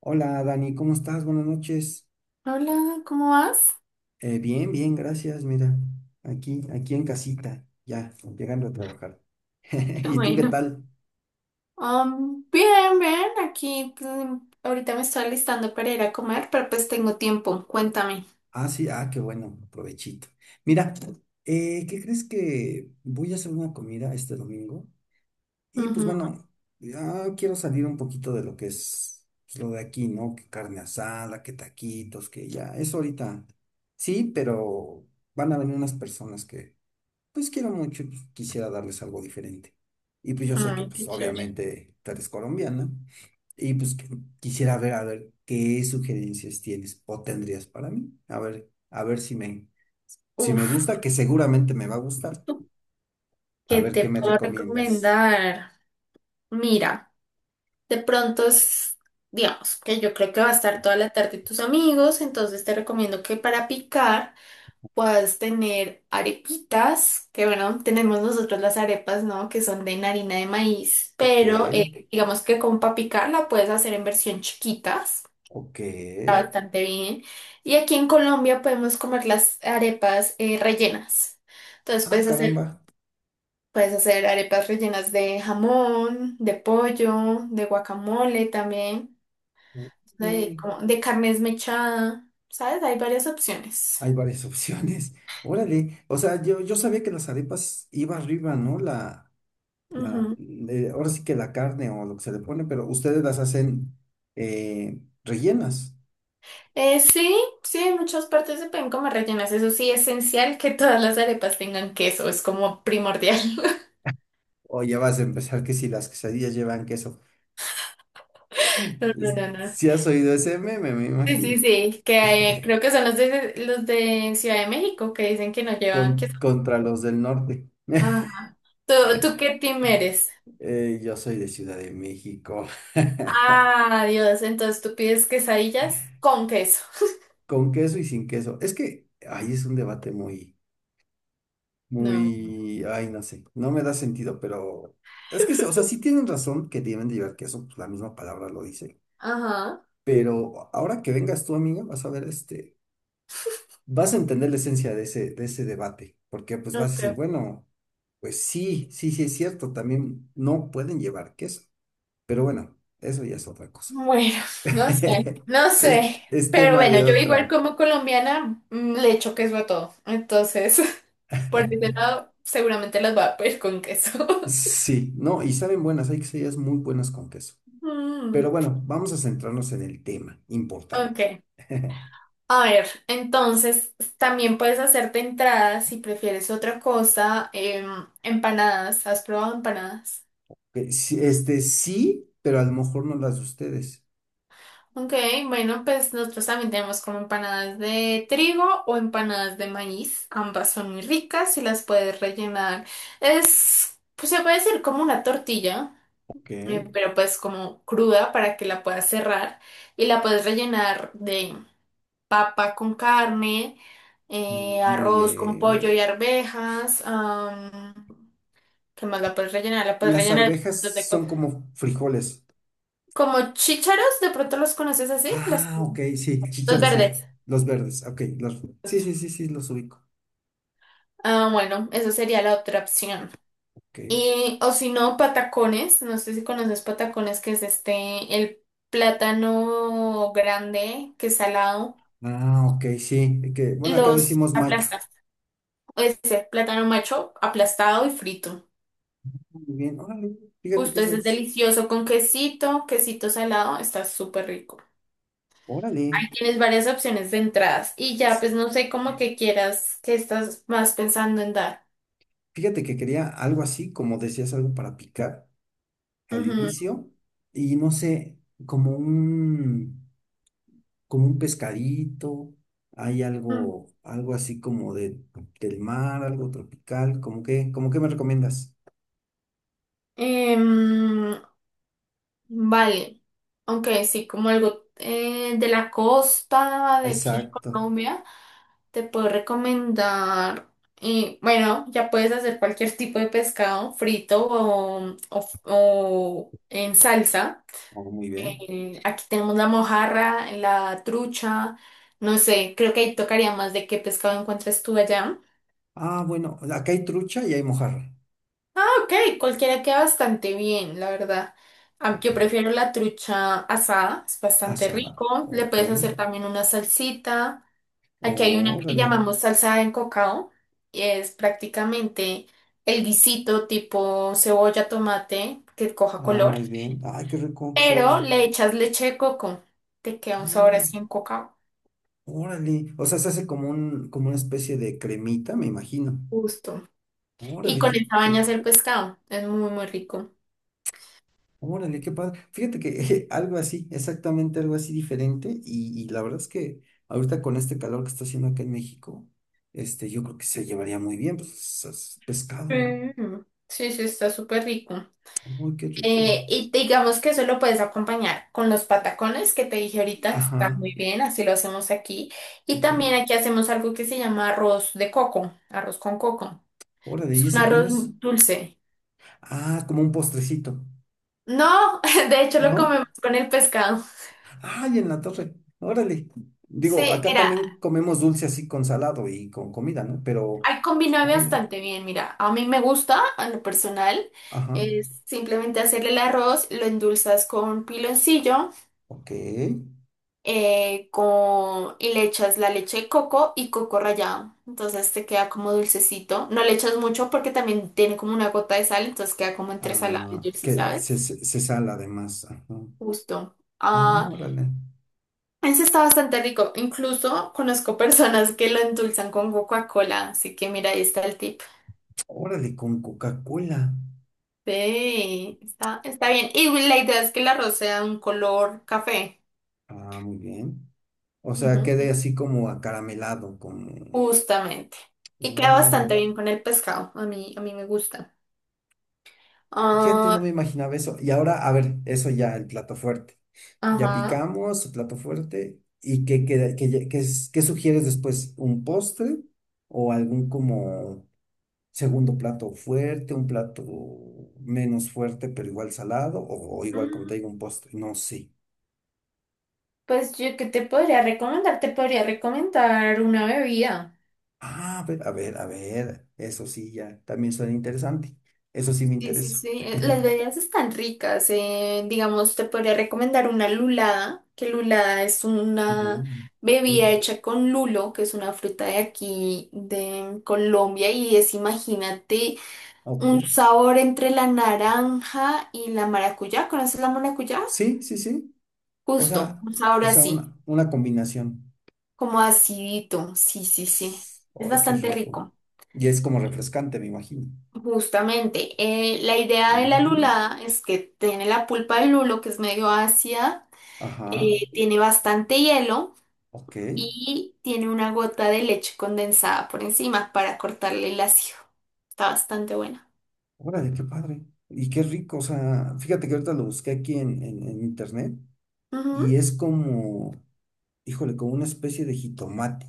Hola Dani, ¿cómo estás? Buenas noches. Hola, ¿cómo vas? Bien, bien, gracias. Mira, aquí en casita, ya, llegando a trabajar. Qué ¿Y tú qué bueno. tal? Bien, bien, aquí ahorita me estoy alistando para ir a comer, pero pues tengo tiempo, cuéntame. Ah, sí, ah, qué bueno, provechito. Mira, ¿qué crees que voy a hacer una comida este domingo? Y pues Ujú. bueno, ya quiero salir un poquito de lo que es pues, lo de aquí, ¿no? Que carne asada, que taquitos, que ya, eso ahorita. Sí, pero van a venir unas personas que pues quiero mucho, y quisiera darles algo diferente. Y pues yo sé que Ay, pues qué chévere. obviamente tú eres colombiana y quisiera ver a ver qué sugerencias tienes o tendrías para mí. A ver si me Uf, gusta, que seguramente me va a gustar. A ¿qué ver te qué me puedo recomiendas. recomendar? Mira, de pronto es, digamos, que yo creo que va a estar toda la tarde tus amigos, entonces te recomiendo que para picar. Puedas tener arepitas, que bueno, tenemos nosotros las arepas, ¿no? Que son de harina de maíz, Ok, pero digamos que con papicar la puedes hacer en versión chiquitas, ok. está bastante bien. Y aquí en Colombia podemos comer las arepas rellenas. Entonces Ah, caramba. puedes hacer arepas rellenas de jamón, de pollo, de guacamole también, de, Mm, de carne esmechada, ¿sabes? Hay varias opciones. hay varias opciones. Órale. O sea, yo sabía que las arepas iba arriba, ¿no? La ahora sí que la carne o lo que se le pone, pero ustedes las hacen rellenas. Sí, sí, en muchas partes se pueden comer rellenas. Eso sí, esencial que todas las arepas tengan queso, es como primordial. O ya vas a empezar que si las quesadillas llevan queso. No, no, Es- no, no. Si has oído ese meme, me Sí, sí, imagino. sí, que creo que son los de Ciudad de México que dicen que no llevan queso. Contra los del norte. Ah. ¿Tú, tú qué team eres? Yo soy de Ciudad de México. Ah, Dios, entonces tú pides quesadillas con queso. Con queso y sin queso. Es que ahí es un debate No. muy, ay, no sé, no me da sentido, pero es que, o sea, sí tienen razón que deben de llevar queso, pues la misma palabra lo dice. Ajá. Pero ahora que vengas tú, amiga, vas a ver, este, vas a entender la esencia de de ese debate, porque pues No, vas a decir, creo. bueno, pues sí, sí, sí es cierto, también no pueden llevar queso, pero bueno, eso ya es otra cosa. Bueno, no sé, no sé. es Pero tema bueno, de yo igual otra. como colombiana le echo queso a todo. Entonces. Por ese lado, seguramente las va a pedir con queso. Sí, no, y saben buenas, hay quesadillas muy buenas con queso. Mm, Pero bueno, vamos a centrarnos en el tema importante. ok. A ver, entonces también puedes hacerte entradas si prefieres otra cosa. Empanadas. ¿Has probado empanadas? Que sí, este sí, pero a lo mejor no las de ustedes. Ok, bueno, pues nosotros también tenemos como empanadas de trigo o empanadas de maíz. Ambas son muy ricas y las puedes rellenar. Es, pues se puede decir como una tortilla, Ok, pero pues como cruda para que la puedas cerrar y la puedes rellenar de papa con carne, muy arroz con pollo bien. y arvejas. ¿Qué más la puedes rellenar? La puedes Las rellenar de un arvejas montón de son cosas. como frijoles. Como chícharos, de pronto los conoces así, Ah, ok, sí, los chícharos, sí. verdes. Los verdes, ok. Los... Sí, Justo. sí, sí, sí, los ubico. Ah, bueno, esa sería la otra opción. Ok. Y, o si no, patacones. No sé si conoces patacones, que es este, el plátano grande, que es salado. Ah, ok, sí. Que, bueno, acá Los decimos macho. aplastas. Ese plátano macho aplastado y frito. Muy bien, órale. Fíjate que Justo, eso ese es es. delicioso con quesito, quesito salado, está súper rico. Órale. Ahí tienes varias opciones de entradas y ya, pues no sé cómo que quieras, que estás más pensando en dar. Fíjate que quería algo así, como decías, algo para picar al Ujú. inicio. Y no sé, como un, como un pescadito. Hay Mm. algo, del mar, algo tropical. ¿Cómo que, como qué me recomiendas? Em, vale, aunque sí, como algo de la costa, de aquí en Exacto. Colombia, te puedo recomendar, y bueno, ya puedes hacer cualquier tipo de pescado frito o en salsa. Oh, muy bien. Aquí tenemos la mojarra, la trucha, no sé, creo que ahí tocaría más de qué pescado encuentres tú allá. Ah, bueno, acá hay trucha y hay mojarra. Ok, cualquiera queda bastante bien, la verdad. Ok. Yo prefiero la trucha asada, es bastante Asada. rico. Le Ok. puedes hacer también una salsita. Aquí hay una que Órale. llamamos salsa de cocao y es prácticamente el guisito tipo cebolla, tomate, que coja Ah, color, muy bien. Ay, qué rico se pero oye. le echas leche de coco. Te queda un sabor Ay, así en cocao. órale. O sea, se hace como un, como una especie de cremita, me imagino. Justo. Y Órale, con qué esa baña rico. hacer pescado. Es muy, muy rico. Órale, qué padre. Fíjate que algo así, exactamente algo así diferente. Y la verdad es que ahorita con este calor que está haciendo acá en México, este, yo creo que se llevaría muy bien, pues es pescado. Mm, sí, sí, está súper rico. Uy, qué rico. Y digamos que eso lo puedes acompañar con los patacones que te dije ahorita, está Ajá, muy bien, así lo hacemos aquí. Y ok. también aquí hacemos algo que se llama arroz de coco, arroz con coco. Órale, ¿y Es un ese cómo arroz es? dulce. Ah, como un postrecito, No, de hecho lo ¿no? comemos con el pescado. Ay, en la torre. Órale. Digo, Sí, acá mira. también comemos dulce así con salado y con comida, ¿no? Pero, Ay, combina órale. bastante bien, mira, a mí me gusta, a lo personal, Ajá, es simplemente hacerle el arroz, lo endulzas con piloncillo, ok. Y le echas la leche de coco y coco rallado, entonces te queda como dulcecito, no le echas mucho porque también tiene como una gota de sal, entonces queda como entre salado y Ah, dulce, que ¿sabes? Se sala además. Ajá. Justo. Ah, Órale. ese está bastante rico, incluso conozco personas que lo endulzan con Coca-Cola, así que mira, ahí está el tip. Órale, con Coca-Cola. Sí, está, está bien. Y la idea es que el arroz sea un color café. Ah, muy bien. O sea, quede Ujú. así como acaramelado, como... Justamente. Y queda Órale. bastante bien con el pescado. A mí me gusta. Fíjate, no Ah, me imaginaba eso. Y ahora, a ver, eso ya, el plato fuerte. Ya ajá. picamos, el plato fuerte. ¿Y qué, qué sugieres después? ¿Un postre o algún como segundo plato fuerte, un plato menos fuerte, pero igual salado o igual contigo Mm, un postre? No sé. pues yo, ¿qué te podría recomendar? Te podría recomendar una bebida. Ah, a ver, a ver, a ver. Eso sí, ya, también suena interesante. Eso sí me Sí, sí, interesa. sí. Las bebidas están ricas. Digamos, te podría recomendar una lulada, que lulada es Ujú, una Ok. bebida hecha con lulo, que es una fruta de aquí, de Colombia, y es, imagínate, ok. un sabor entre la naranja y la maracuyá. ¿Conoces la maracuyá? Sí, sí, sí. O Justo, sea, un sabor así, una combinación. como acidito. Sí, sí, sí. Es Ay, qué bastante rico. rico. Y es como refrescante, me imagino. Justamente, la idea de la Mm, lulada es que tiene la pulpa del lulo, que es medio ácida ajá, tiene bastante hielo ok. y tiene una gota de leche condensada por encima para cortarle el ácido. Está bastante buena. Órale, qué padre. Y qué rico. O sea, fíjate que ahorita lo busqué aquí en internet y Ujú. es como, híjole, como una especie de jitomate.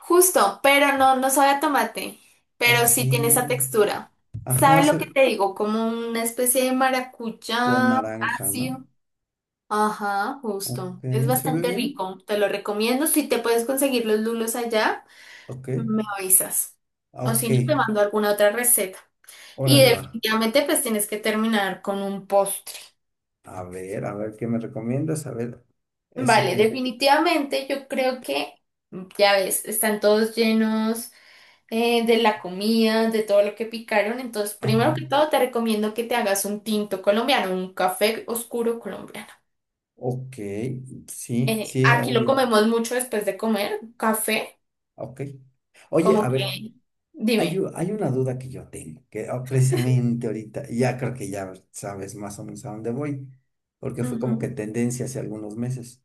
Justo, pero no, no sabe a tomate, pero sí tiene esa Ok. textura. Ajá, ¿Sabe lo se- que te digo? Como una especie de con maracuyá naranja, ¿no? ácido. Ajá, justo. Ok, Es ¿se ve bastante bien? rico. Te lo recomiendo. Si te puedes conseguir los lulos allá, Ok. me avisas. Ah, O ok, si no, te mando alguna otra receta. Y órale, va. definitivamente pues tienes que terminar con un postre. A ver, ¿qué me recomiendas? A ver, ¿ese Vale, qué? definitivamente yo creo que, ya ves, están todos llenos de la comida, de todo lo que picaron. Entonces, Ajá. primero que todo, te recomiendo que te hagas un tinto colombiano, un café oscuro colombiano. Ok, sí, sí, Aquí lo obvio. comemos mucho después de comer, café, Ok. Oye, a como ver, que, dime. Hay una duda que yo tengo, que ah, precisamente ahorita, y ya creo que ya sabes más o menos a dónde voy, porque fue como que Ujú. tendencia hace algunos meses.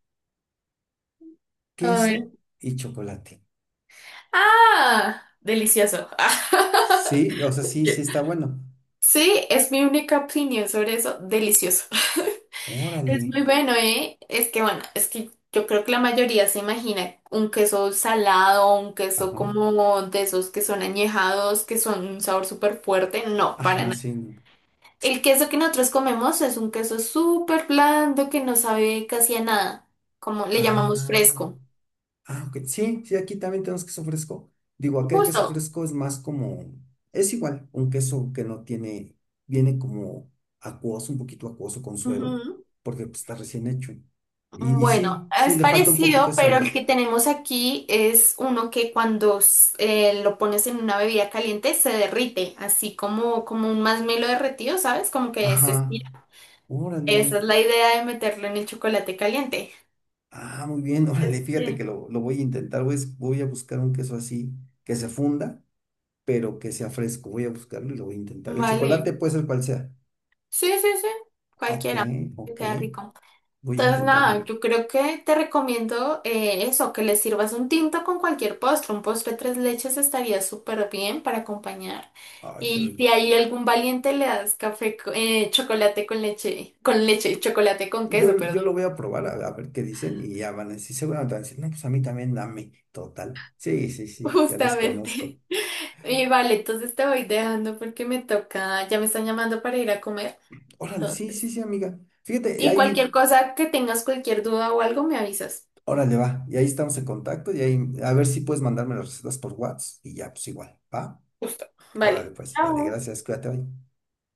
A ver. Queso y chocolate. Ah, delicioso. Sí, o sea, sí, sí está bueno. Sí, es mi única opinión sobre eso, delicioso. Órale. Es muy bueno, ¿eh? Es que bueno, es que yo creo que la mayoría se imagina un queso salado, un queso Ajá. como de esos que son añejados, que son un sabor súper fuerte. No, para Ajá, nada. sí. No. El queso que nosotros comemos es un queso súper blando que no sabe casi a nada, como le llamamos Ah. fresco. Ah, ok. Sí, sí, aquí también tenemos queso fresco. Digo, acá el queso Justo. fresco es más como, es igual, un queso que no tiene, viene como acuoso, un poquito acuoso con suero, Ujú. porque pues, está recién hecho. Mm, Y bueno, sí, sí, es le falta un poquito parecido, de pero sabor. el que tenemos aquí es uno que cuando lo pones en una bebida caliente se derrite, así como, como un masmelo derretido, ¿sabes? Como que se Ajá, estira. Esa es órale. la idea de meterlo en el chocolate caliente. Ah, muy bien, órale, fíjate que Sí. Lo voy a intentar, voy a buscar un queso así, que se funda, pero que sea fresco, voy a buscarlo y lo voy a intentar. El chocolate Vale. puede ser cual sea. Sí, sí, sí. Ok, Cualquiera. Te ok, queda rico. voy a Entonces, intentarlo. nada, yo creo que te recomiendo eso, que le sirvas un tinto con cualquier postre. Un postre tres leches estaría súper bien para acompañar. Ay, qué Y si rico. hay algún valiente, le das café, chocolate con leche, chocolate con queso, Yo, perdón. yo lo voy a probar a ver qué dicen y ya van a decir, seguramente van a decir, no, pues a mí también dame, total. Sí, sí, sí, ya los conozco. Justamente. Y vale, entonces te voy dejando porque me toca, ya me están llamando para ir a comer. Órale, sí, sí, Entonces, sí, amiga. Fíjate, y y ahí, cualquier cosa que tengas, cualquier duda o algo, me avisas. órale, va. Y ahí estamos en contacto y ahí, a ver si puedes mandarme las recetas por WhatsApp y ya, pues igual, ¿va? Justo. Órale, Vale. pues, dale, Chao. gracias, cuídate hoy.